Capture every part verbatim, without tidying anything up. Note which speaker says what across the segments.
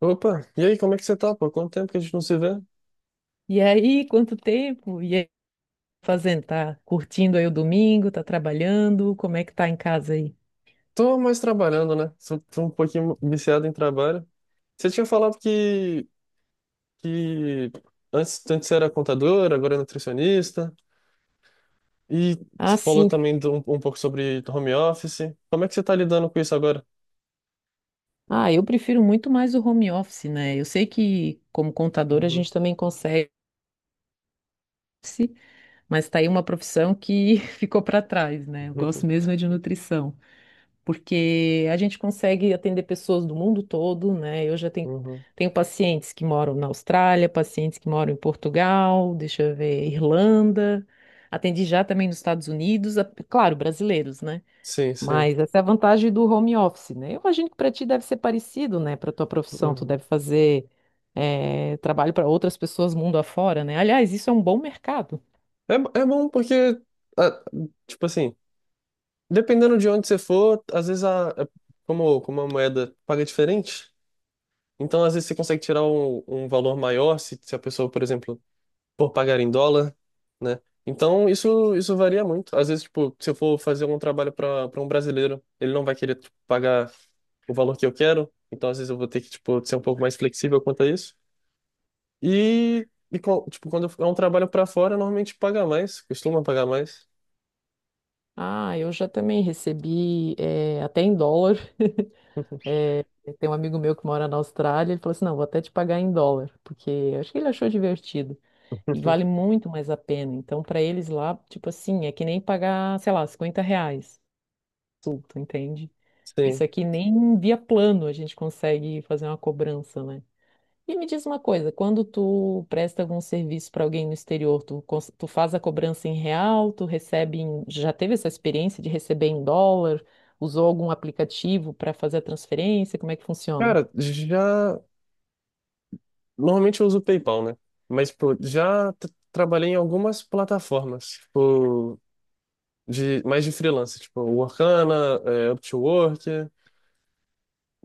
Speaker 1: Opa, e aí, como é que você tá, pô? Quanto tempo que a gente não se vê?
Speaker 2: E aí, quanto tempo? E aí, fazendo? Tá curtindo aí o domingo? Tá trabalhando? Como é que tá em casa aí?
Speaker 1: Tô mais trabalhando, né? Sou- Tô um pouquinho viciado em trabalho. Você tinha falado que, que antes, antes você era contador, agora é nutricionista, e você
Speaker 2: Ah,
Speaker 1: falou
Speaker 2: sim.
Speaker 1: também de um, um pouco sobre home office. Como é que você tá lidando com isso agora?
Speaker 2: Ah, eu prefiro muito mais o home office, né? Eu sei que como contador a
Speaker 1: Uhum.
Speaker 2: gente também consegue, mas tá aí uma profissão que ficou para trás, né? Eu gosto mesmo é de nutrição. porque a gente consegue atender pessoas do mundo todo, né? Eu já tenho,
Speaker 1: Uhum, uhum.
Speaker 2: tenho pacientes que moram na Austrália, pacientes que moram em Portugal, deixa eu ver, Irlanda. Atendi já também nos Estados Unidos, a- claro, brasileiros, né?
Speaker 1: Sim, sim.
Speaker 2: Mas essa é a vantagem do home office, né? Eu imagino que para ti deve ser parecido, né? Para tua profissão, tu
Speaker 1: Uhum.
Speaker 2: deve fazer eh, trabalho para outras pessoas mundo afora, né? Aliás, isso é um bom mercado.
Speaker 1: É, bo- é bom porque, ah, tipo assim, dependendo de onde você for, às vezes a, a- como, como a moeda paga diferente, então, às vezes, você consegue tirar um, um valor maior se, se a pessoa, por exemplo, for pagar em dólar, né? Então, isso, isso varia muito. Às vezes, tipo, se eu for fazer um trabalho para para um brasileiro, ele não vai querer tipo, pagar o valor que eu quero. Então, às vezes, eu vou ter que, tipo, ser um pouco mais flexível quanto a isso. E, e co- tipo, quando é um trabalho para fora, normalmente paga mais, costuma pagar mais.
Speaker 2: Ah, eu já também recebi eh, até em dólar. É, Tem um amigo meu que mora na Austrália, ele falou assim: não, vou até te pagar em dólar, porque eu acho que ele achou divertido. E vale muito mais a pena. Então, para eles lá, tipo assim, é que nem pagar, sei lá, cinquenta reais. Sulto, entende? Isso
Speaker 1: Sim.
Speaker 2: aqui nem via plano a gente consegue fazer uma cobrança, né? E me diz uma coisa: quando tu presta algum serviço para alguém no exterior, tu, cons- tu faz a cobrança em real, tu recebe em... Já teve essa experiência de receber em dólar? Usou algum aplicativo para fazer a transferência? Como é que funciona?
Speaker 1: Cara, já. Normalmente eu uso o PayPal, né? Mas, pô, já tra- trabalhei em algumas plataformas. Tipo. De mais de freelancer tipo Workana, é, Upwork.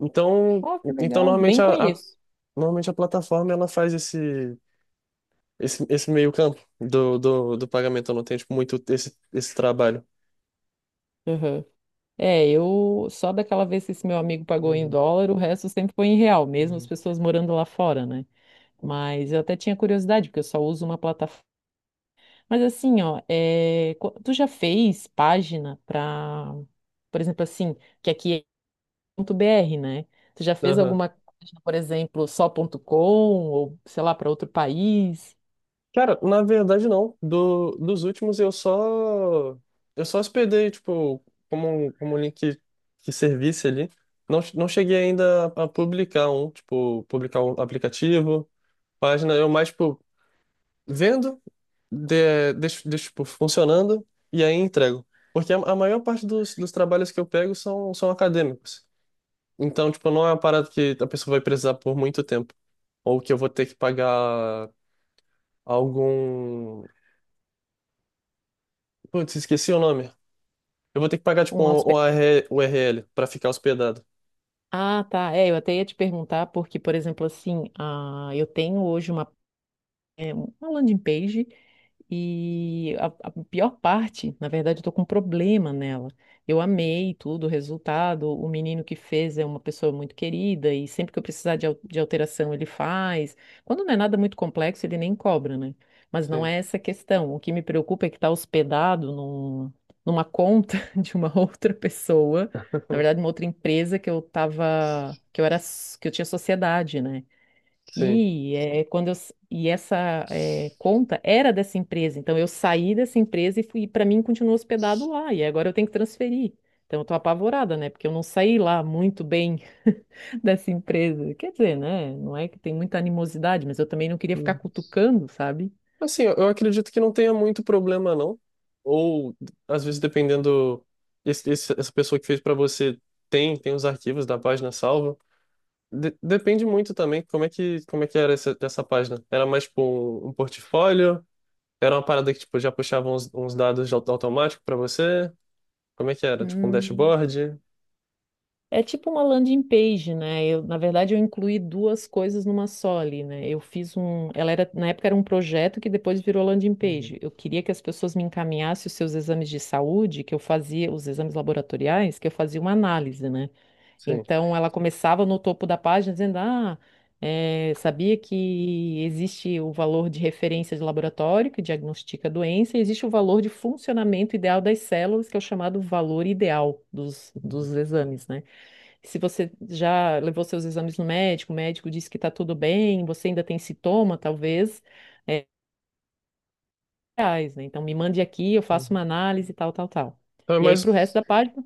Speaker 1: Então,
Speaker 2: Oh, que
Speaker 1: então
Speaker 2: legal.
Speaker 1: normalmente
Speaker 2: Nem
Speaker 1: a, a-
Speaker 2: conheço.
Speaker 1: normalmente a plataforma ela faz esse esse, esse meio campo do, do, do pagamento, eu não tenho tipo, muito esse, esse trabalho.
Speaker 2: Aham. É, eu só daquela vez que esse meu amigo pagou em
Speaker 1: Uhum,
Speaker 2: dólar, o resto sempre foi em real, mesmo as
Speaker 1: uhum.
Speaker 2: pessoas morando lá fora, né? Mas eu até tinha curiosidade, porque eu só uso uma plataforma. Mas assim, ó, é, co- tu já fez página pra, por exemplo, assim, que aqui é ponto .br, né? Tu já fez
Speaker 1: Aham.
Speaker 2: alguma página, por exemplo, só ponto com, ou sei lá, para outro país?
Speaker 1: Cara, na verdade não. Do, dos últimos eu só eu só hospedei, tipo, como um, como um link que servisse ali. Não, não cheguei ainda a, a publicar um, tipo, publicar um aplicativo, página, eu mais, tipo, vendo de, deixo, deixo, tipo, funcionando e aí entrego. Porque a, a maior parte dos, dos trabalhos que eu pego são, são acadêmicos. Então, tipo, não é uma parada que a pessoa vai precisar por muito tempo. Ou que eu vou ter que pagar algum. Putz, esqueci o nome. Eu vou ter que pagar, tipo,
Speaker 2: Um
Speaker 1: um, um
Speaker 2: hospe-
Speaker 1: r U R l para ficar hospedado.
Speaker 2: Ah, tá. É, eu até ia te perguntar, porque, por exemplo, assim, ah, eu tenho hoje uma é, uma landing page e a, a pior parte, na verdade, eu tô com um problema nela. Eu amei tudo, o resultado, o menino que fez é uma pessoa muito querida e sempre que eu precisar de, al- de alteração ele faz. Quando não é nada muito complexo, ele nem cobra, né? Mas não
Speaker 1: Sim.
Speaker 2: é essa a questão. O que me preocupa é que está hospedado num- numa conta de uma outra pessoa, na verdade, uma outra empresa que eu tava, que eu era, s- que eu tinha sociedade, né?
Speaker 1: Sim.
Speaker 2: E é, quando eu, s- e essa é, conta era dessa empresa, então eu saí dessa empresa e fui, para mim continuou hospedado lá, e agora eu tenho que transferir. Então eu tô apavorada, né? Porque eu não saí lá muito bem dessa empresa. Quer dizer, né? Não é que tem muita animosidade, mas eu também não queria ficar
Speaker 1: Uhum.
Speaker 2: cutucando, sabe?
Speaker 1: Assim, eu eu acredito que não tenha muito problema, não. Ou, às vezes, dependendo, esse, esse- essa pessoa que fez para você tem, tem os arquivos da página salva. de- depende muito também como é que, como é que era essa, essa página. Era mais tipo um, um portfólio? Era uma parada que tipo, já puxava uns, uns dados de auto- automático para você? Como é que era? Tipo um
Speaker 2: Hum.
Speaker 1: dashboard?
Speaker 2: É tipo uma landing page, né? Eu, na verdade, eu incluí duas coisas numa só ali, né? Eu fiz um, ela era, na época era um projeto que depois virou landing
Speaker 1: Uhum.
Speaker 2: page. Eu queria que as pessoas me encaminhassem os seus exames de saúde, que eu fazia os exames laboratoriais, que eu fazia uma análise, né?
Speaker 1: Sim.
Speaker 2: Então ela começava no topo da página dizendo: "Ah, eh, sabia que existe o valor de referência de laboratório que diagnostica a doença, e existe o valor de funcionamento ideal das células, que é o chamado valor ideal dos,
Speaker 1: Uhum.
Speaker 2: dos exames, né? Se você já levou seus exames no médico, o médico disse que está tudo bem, você ainda tem sintoma, talvez, é, reais, né? Então me mande aqui, eu faço
Speaker 1: Uhum.
Speaker 2: uma análise, tal, tal, tal.
Speaker 1: Então é
Speaker 2: E aí, para o resto
Speaker 1: mais,
Speaker 2: da página,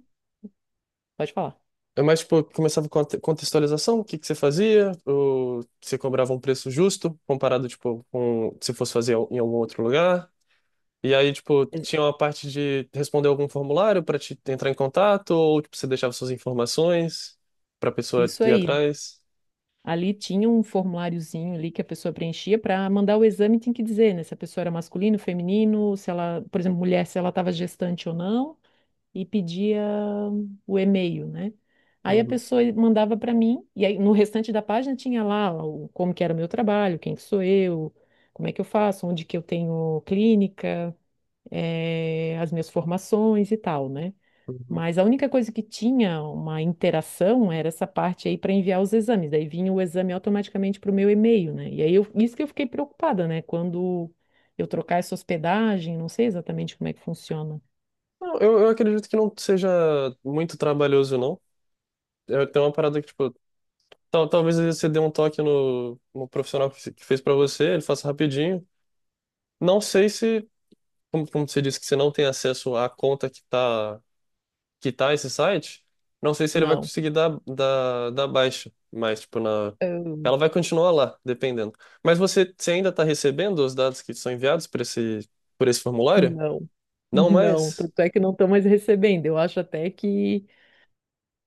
Speaker 2: pode falar.
Speaker 1: é mais tipo, começava com a te- contextualização, o que que você fazia, ou você cobrava um preço justo comparado tipo com se fosse fazer em algum outro lugar. E aí, tipo,
Speaker 2: Ex-
Speaker 1: tinha uma parte de responder algum formulário pra te entrar em contato, ou tipo, você deixava suas informações pra pessoa
Speaker 2: Isso
Speaker 1: ir
Speaker 2: aí.
Speaker 1: atrás?
Speaker 2: Ali tinha um formuláriozinho ali que a pessoa preenchia para mandar o exame, tinha que dizer, né? Se a pessoa era masculino, feminino, se ela, por exemplo, mulher, se ela estava gestante ou não. e pedia o e-mail, né? Aí a
Speaker 1: Uhum,
Speaker 2: pessoa mandava para mim, e aí no restante da página tinha lá o, como que era o meu trabalho, quem que sou eu, como é que eu faço, onde que eu tenho clínica, eh, as minhas formações e tal, né?
Speaker 1: uhum.
Speaker 2: Mas a única coisa que tinha uma interação era essa parte aí para enviar os exames. Daí vinha o exame automaticamente para o meu e-mail, né? E aí eu, isso que eu fiquei preocupada, né? Quando eu trocar essa hospedagem, não sei exatamente como é que funciona.
Speaker 1: Não, eu, eu acredito que não seja muito trabalhoso, não. Eu tenho uma parada que, tipo, Tal, talvez você dê um toque no, no profissional que fe- que fez para você, ele faça rapidinho. Não sei se, como, como você disse que você não tem acesso à conta que tá, que tá esse site, não sei se ele vai conseguir dar, dar, dar baixa, mas tipo, na,
Speaker 2: Não.
Speaker 1: ela vai continuar lá, dependendo. Mas você, você ainda está recebendo os dados que são enviados por esse, por esse formulário?
Speaker 2: Não,
Speaker 1: Não
Speaker 2: não,
Speaker 1: mais?
Speaker 2: tanto é que não estou mais recebendo. Eu acho até que,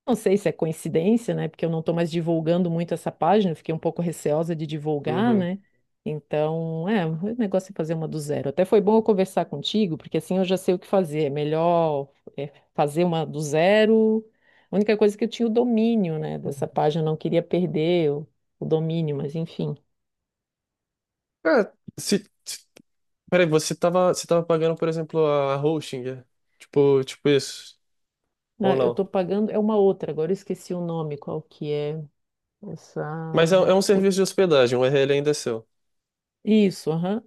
Speaker 2: não sei se é coincidência, né? Porque eu não estou mais divulgando muito essa página, eu fiquei um pouco receosa de divulgar,
Speaker 1: Uhum.
Speaker 2: né? Então, é, o negócio é fazer uma do zero. Até foi bom eu conversar contigo, porque assim eu já sei o que fazer. É melhor é, fazer uma do zero. A única coisa é que eu tinha o domínio, né, dessa página, eu não queria perder o, o domínio, mas enfim.
Speaker 1: Cara, se, se- peraí, você tava, você tava pagando, por exemplo, a hosting, é? Tipo, tipo isso, ou
Speaker 2: Ah, eu
Speaker 1: não?
Speaker 2: estou pagando, é uma outra, agora eu esqueci o nome, qual que é essa.
Speaker 1: Mas é, é um serviço de hospedagem, o U R L ainda é seu.
Speaker 2: Isso, aham.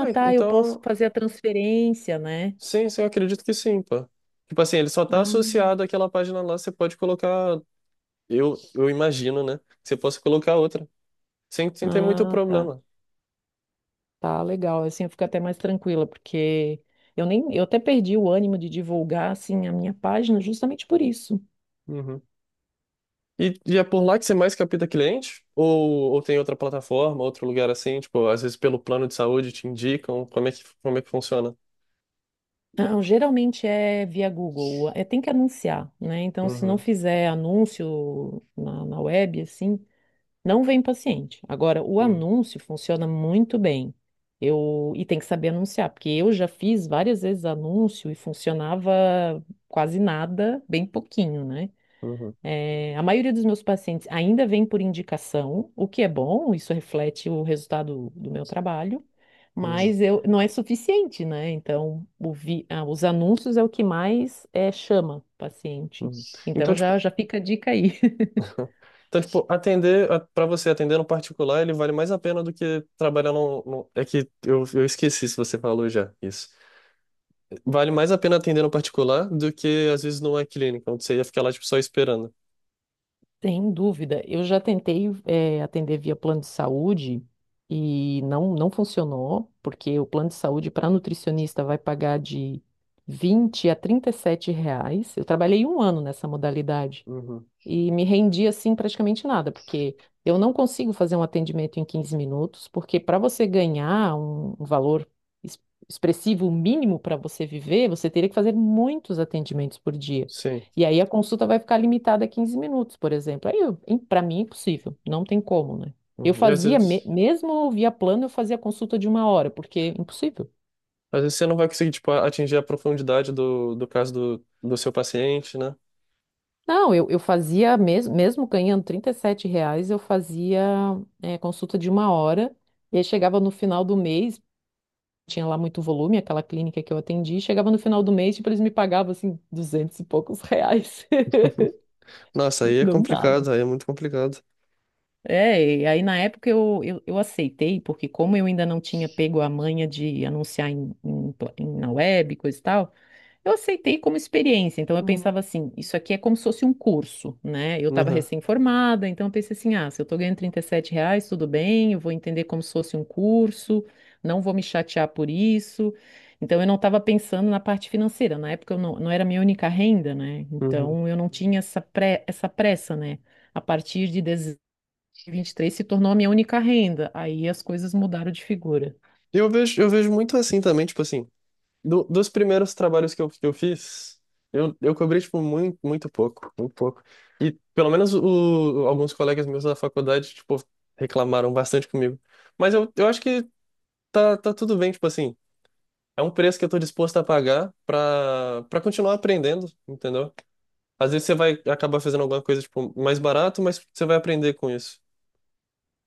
Speaker 1: É,
Speaker 2: tá, eu posso
Speaker 1: então,
Speaker 2: fazer a transferência, né?
Speaker 1: sim, sim, eu acredito que sim, pô. Tipo assim, ele só tá
Speaker 2: Ah,
Speaker 1: associado àquela página lá, você pode colocar, eu, eu imagino, né? Que você possa colocar outra, sem, sem ter muito
Speaker 2: ah, tá.
Speaker 1: problema.
Speaker 2: Tá, legal. Assim eu fico até mais tranquila, porque eu nem, eu até perdi o ânimo de divulgar, assim, a minha página justamente por isso.
Speaker 1: Uhum. E, e é por lá que você mais capta cliente? Ou, ou tem outra plataforma, outro lugar assim? Tipo, às vezes pelo plano de saúde te indicam como é que, como é que funciona?
Speaker 2: Não, geralmente é via Google, é, tem que anunciar, né? Então, se não
Speaker 1: Uhum,
Speaker 2: fizer anúncio na, na web, assim, Não vem paciente. Agora, o
Speaker 1: uhum,
Speaker 2: anúncio funciona muito bem. Eu, e tem que saber anunciar, porque eu já fiz várias vezes anúncio e funcionava quase nada, bem pouquinho, né?
Speaker 1: uhum,
Speaker 2: Eh, a maioria dos meus pacientes ainda vem por indicação, o que é bom, isso reflete o resultado do meu trabalho,
Speaker 1: uhum,
Speaker 2: mas eu, não é suficiente, né? Então, o vi- ah, os anúncios é o que mais eh, chama paciente.
Speaker 1: uhum.
Speaker 2: Então,
Speaker 1: Então, tipo,
Speaker 2: já, já fica a dica aí.
Speaker 1: então, tipo, atender, para você atender no particular, ele vale mais a pena do que trabalhar no, no- é que eu, eu esqueci se você falou já isso. Vale mais a pena atender no particular do que, às vezes, numa clínica, onde você ia ficar lá, tipo, só esperando.
Speaker 2: Sem dúvida. Eu já tentei, eh, atender via plano de saúde e não, não funcionou, porque o plano de saúde para nutricionista vai pagar de vinte a trinta e sete reais. Eu trabalhei um ano nessa modalidade
Speaker 1: Uhum.
Speaker 2: e me rendi assim praticamente nada, porque eu não consigo fazer um atendimento em quinze minutos, porque para você ganhar um, um valor es- expressivo mínimo para você viver, você teria que fazer muitos atendimentos por dia.
Speaker 1: Sim.
Speaker 2: E aí a consulta vai ficar limitada a quinze minutos, por exemplo. Aí, para mim, é impossível, não tem como, né? Eu
Speaker 1: Uhum. E às
Speaker 2: fazia, me-
Speaker 1: vezes,
Speaker 2: mesmo via plano, eu fazia consulta de uma hora, porque é impossível.
Speaker 1: às vezes você não vai conseguir, tipo, atingir a profundidade do, do caso do, do seu paciente, né?
Speaker 2: Não, eu, eu fazia, mesmo, mesmo ganhando trinta e sete reais, eu fazia eh, consulta de uma hora, e aí chegava no final do mês, tinha lá muito volume, aquela clínica que eu atendi, chegava no final do mês, tipo, eles me pagavam, assim, duzentos e poucos reais.
Speaker 1: Nossa, aí é
Speaker 2: Não dava.
Speaker 1: complicado, aí é muito complicado.
Speaker 2: É, e aí na época eu, eu, eu aceitei, porque como eu ainda não tinha pego a manha de anunciar em, em pla- em- na web, coisa e tal, Eu aceitei como experiência, então eu
Speaker 1: Uhum.
Speaker 2: pensava assim, isso aqui é como se fosse um curso, né? Eu estava
Speaker 1: Uhum.
Speaker 2: recém-formada, então eu pensei assim, ah, se eu estou ganhando trinta e sete reais, tudo bem, eu vou entender como se fosse um curso, não vou me chatear por isso. Então eu não estava pensando na parte financeira, na época eu não, não era minha única renda, né?
Speaker 1: Uhum.
Speaker 2: Então eu não tinha essa, pre- essa pressa, né? A partir de dois mil e vinte e três se tornou a minha única renda, aí as coisas mudaram de figura.
Speaker 1: E eu vejo, eu vejo muito assim também, tipo assim. Do- dos primeiros trabalhos que eu, que eu fiz, eu, eu cobri, tipo, muito, muito pouco, muito pouco. E pelo menos o, alguns colegas meus da faculdade, tipo, reclamaram bastante comigo. Mas eu, eu acho que tá, tá tudo bem, tipo assim, é um preço que eu tô disposto a pagar pra, pra continuar aprendendo, entendeu? Às vezes você vai acabar fazendo alguma coisa, tipo, mais barato, mas você vai aprender com isso.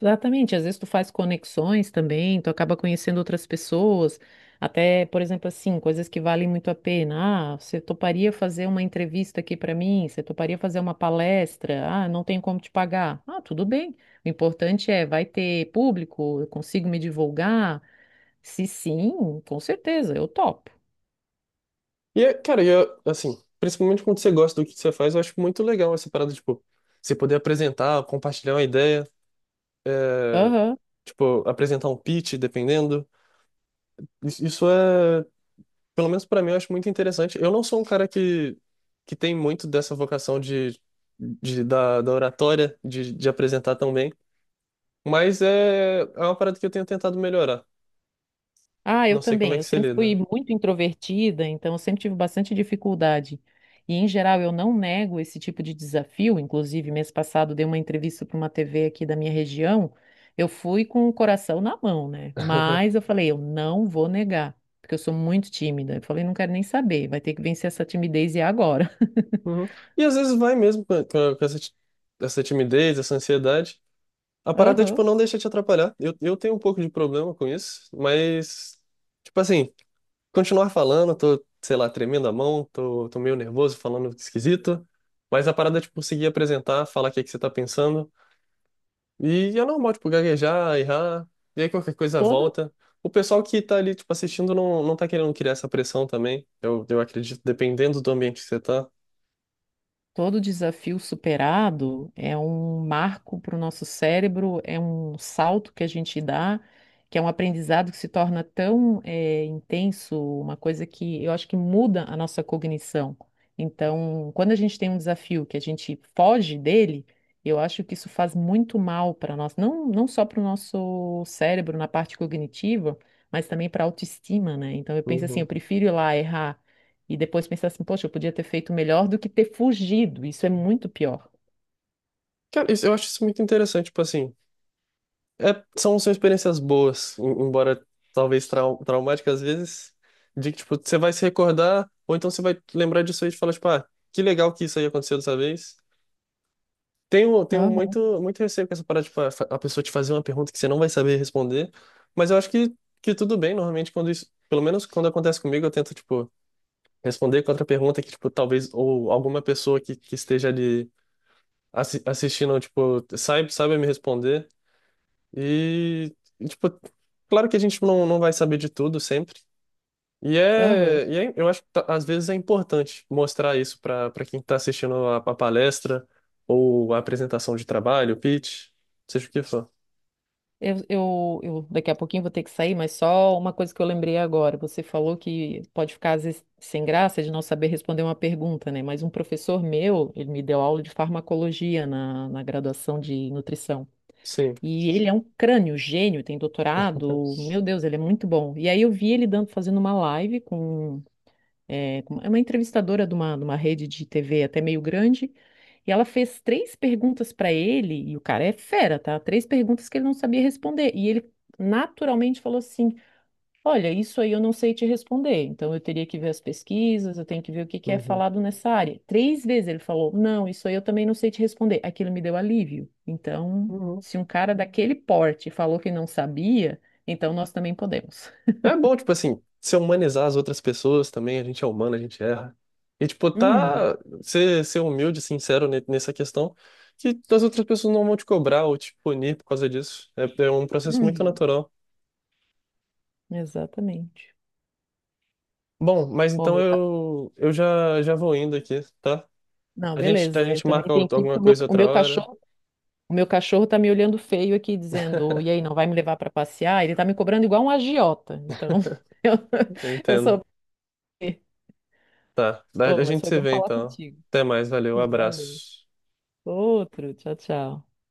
Speaker 2: Exatamente, às vezes tu faz conexões também, tu acaba conhecendo outras pessoas, até, por exemplo, assim, coisas que valem muito a pena. Ah, você toparia fazer uma entrevista aqui para mim? Você toparia fazer uma palestra? Ah, não tem como te pagar. Ah, tudo bem. O importante é, vai ter público? Eu consigo me divulgar? Se sim, com certeza, eu topo.
Speaker 1: E, é- cara, e eu, assim, principalmente quando você gosta do que você faz, eu acho muito legal essa parada, tipo, você poder apresentar, compartilhar uma ideia. É,
Speaker 2: Aham.
Speaker 1: tipo, apresentar um pitch, dependendo. Isso isso é, pelo menos pra mim, eu acho muito interessante. Eu não sou um cara que, que tem muito dessa vocação de, de da, da oratória, de, de apresentar tão bem, mas é, é uma parada que eu tenho tentado melhorar.
Speaker 2: Ah, eu
Speaker 1: Não sei como é
Speaker 2: também. Eu
Speaker 1: que você
Speaker 2: sempre fui
Speaker 1: lida.
Speaker 2: muito introvertida, então eu sempre tive bastante dificuldade. E, em geral, eu não nego esse tipo de desafio. Inclusive, mês passado, dei uma entrevista para uma T V aqui da minha região. Eu fui com o coração na mão, né? Mas eu falei, eu não vou negar, porque eu sou muito tímida. Eu falei, não quero nem saber, vai ter que vencer essa timidez e é agora.
Speaker 1: Uhum. E às vezes vai mesmo com, com- com essa, ti- essa timidez, essa ansiedade. A parada, é,
Speaker 2: Aham.
Speaker 1: tipo, não deixa te atrapalhar. Eu, eu tenho um pouco de problema com isso, mas, tipo assim. Continuar falando, tô, sei lá, tremendo a mão, tô, tô meio nervoso, falando esquisito, mas a parada é, tipo, conseguir apresentar, falar o que é que você tá pensando, e é normal, tipo, gaguejar, errar, e aí qualquer coisa
Speaker 2: Todo
Speaker 1: volta. O pessoal que tá ali, tipo, assistindo não, não tá querendo criar essa pressão também, eu, eu acredito, dependendo do ambiente que você tá.
Speaker 2: Todo desafio superado é um marco para o nosso cérebro, é um salto que a gente dá, que é um aprendizado que se torna tão eh, intenso, uma coisa que eu acho que muda a nossa cognição. Então, quando a gente tem um desafio que a gente foge dele, eu acho que isso faz muito mal para nós, não, não só para o nosso cérebro na parte cognitiva, mas também para a autoestima, né? Então, eu penso assim,
Speaker 1: Uhum.
Speaker 2: eu prefiro ir lá errar. E depois pensar assim, poxa, eu podia ter feito melhor do que ter fugido. Isso é muito pior.
Speaker 1: Cara, isso- eu acho isso muito interessante, tipo assim, é- são, são experiências boas, em- embora talvez trau, traumáticas às vezes, de que, tipo, você vai se recordar, ou então você vai lembrar disso aí e falar, tipo, ah, que legal que isso aí aconteceu dessa vez. Tenho, tenho
Speaker 2: Aham,
Speaker 1: muito, muito receio com essa parada, tipo, a, fa- a pessoa te fazer uma pergunta que você não vai saber responder, mas eu acho que, que tudo bem, normalmente, quando isso, pelo menos quando acontece comigo, eu tento, tipo, responder com outra pergunta que, tipo, talvez, ou alguma pessoa que, que esteja ali assi- assistindo, tipo, saiba, saiba me responder. E, tipo, claro que a gente não, não vai saber de tudo sempre. E
Speaker 2: aham.
Speaker 1: é, e é- eu acho que tá- às vezes é importante mostrar isso para para quem está assistindo a, a palestra ou a apresentação de trabalho, pitch, seja o que for.
Speaker 2: Eu, eu, eu daqui a pouquinho vou ter que sair, mas só uma coisa que eu lembrei agora. Você falou que pode ficar às vezes sem graça de não saber responder uma pergunta, né? Mas um professor meu, ele me deu aula de farmacologia na, na graduação de nutrição.
Speaker 1: Sim.
Speaker 2: E ele é um crânio, gênio, tem doutorado. Meu Deus, ele é muito bom. E aí eu vi ele dando, fazendo uma live com é, é uma entrevistadora de uma, de uma rede de T V até meio grande, e ela fez três perguntas para ele, e o cara é fera, tá? Três perguntas que ele não sabia responder, e ele naturalmente falou assim: Olha, isso aí eu não sei te responder, então eu teria que ver as pesquisas, eu tenho que ver o que que é
Speaker 1: Uhum.
Speaker 2: falado nessa área. Três vezes ele falou: Não, isso aí eu também não sei te responder. Aquilo me deu alívio. Então,
Speaker 1: Uhum.
Speaker 2: se um cara daquele porte falou que não sabia, então nós também podemos.
Speaker 1: É bom, tipo assim, se humanizar as outras pessoas também, a gente é humano, a gente erra. E, tipo,
Speaker 2: Uhum,
Speaker 1: tá, ser, ser humilde, sincero ne- nessa questão, que as outras pessoas não vão te cobrar ou te punir por causa disso. É, é um processo muito
Speaker 2: uhum,
Speaker 1: natural.
Speaker 2: exatamente.
Speaker 1: Bom, mas
Speaker 2: Ó,
Speaker 1: então
Speaker 2: meu
Speaker 1: eu, eu já, já vou indo aqui, tá?
Speaker 2: Não,
Speaker 1: A gente, a
Speaker 2: beleza. Eu
Speaker 1: gente
Speaker 2: também
Speaker 1: marca
Speaker 2: tenho
Speaker 1: out-
Speaker 2: que ir,
Speaker 1: alguma
Speaker 2: porque o meu,
Speaker 1: coisa
Speaker 2: o
Speaker 1: outra
Speaker 2: meu
Speaker 1: hora.
Speaker 2: cachorro, o meu cachorro tá me olhando feio aqui, dizendo, e aí, não vai me levar para passear? Ele tá me cobrando igual um agiota. Então, eu,
Speaker 1: Eu
Speaker 2: eu
Speaker 1: entendo.
Speaker 2: sou.
Speaker 1: Tá. A a
Speaker 2: Oh, mas
Speaker 1: gente
Speaker 2: foi
Speaker 1: se
Speaker 2: bom
Speaker 1: vê
Speaker 2: falar
Speaker 1: então.
Speaker 2: contigo.
Speaker 1: Até mais, valeu,
Speaker 2: Valeu.
Speaker 1: abraço.
Speaker 2: Outro, tchau, tchau.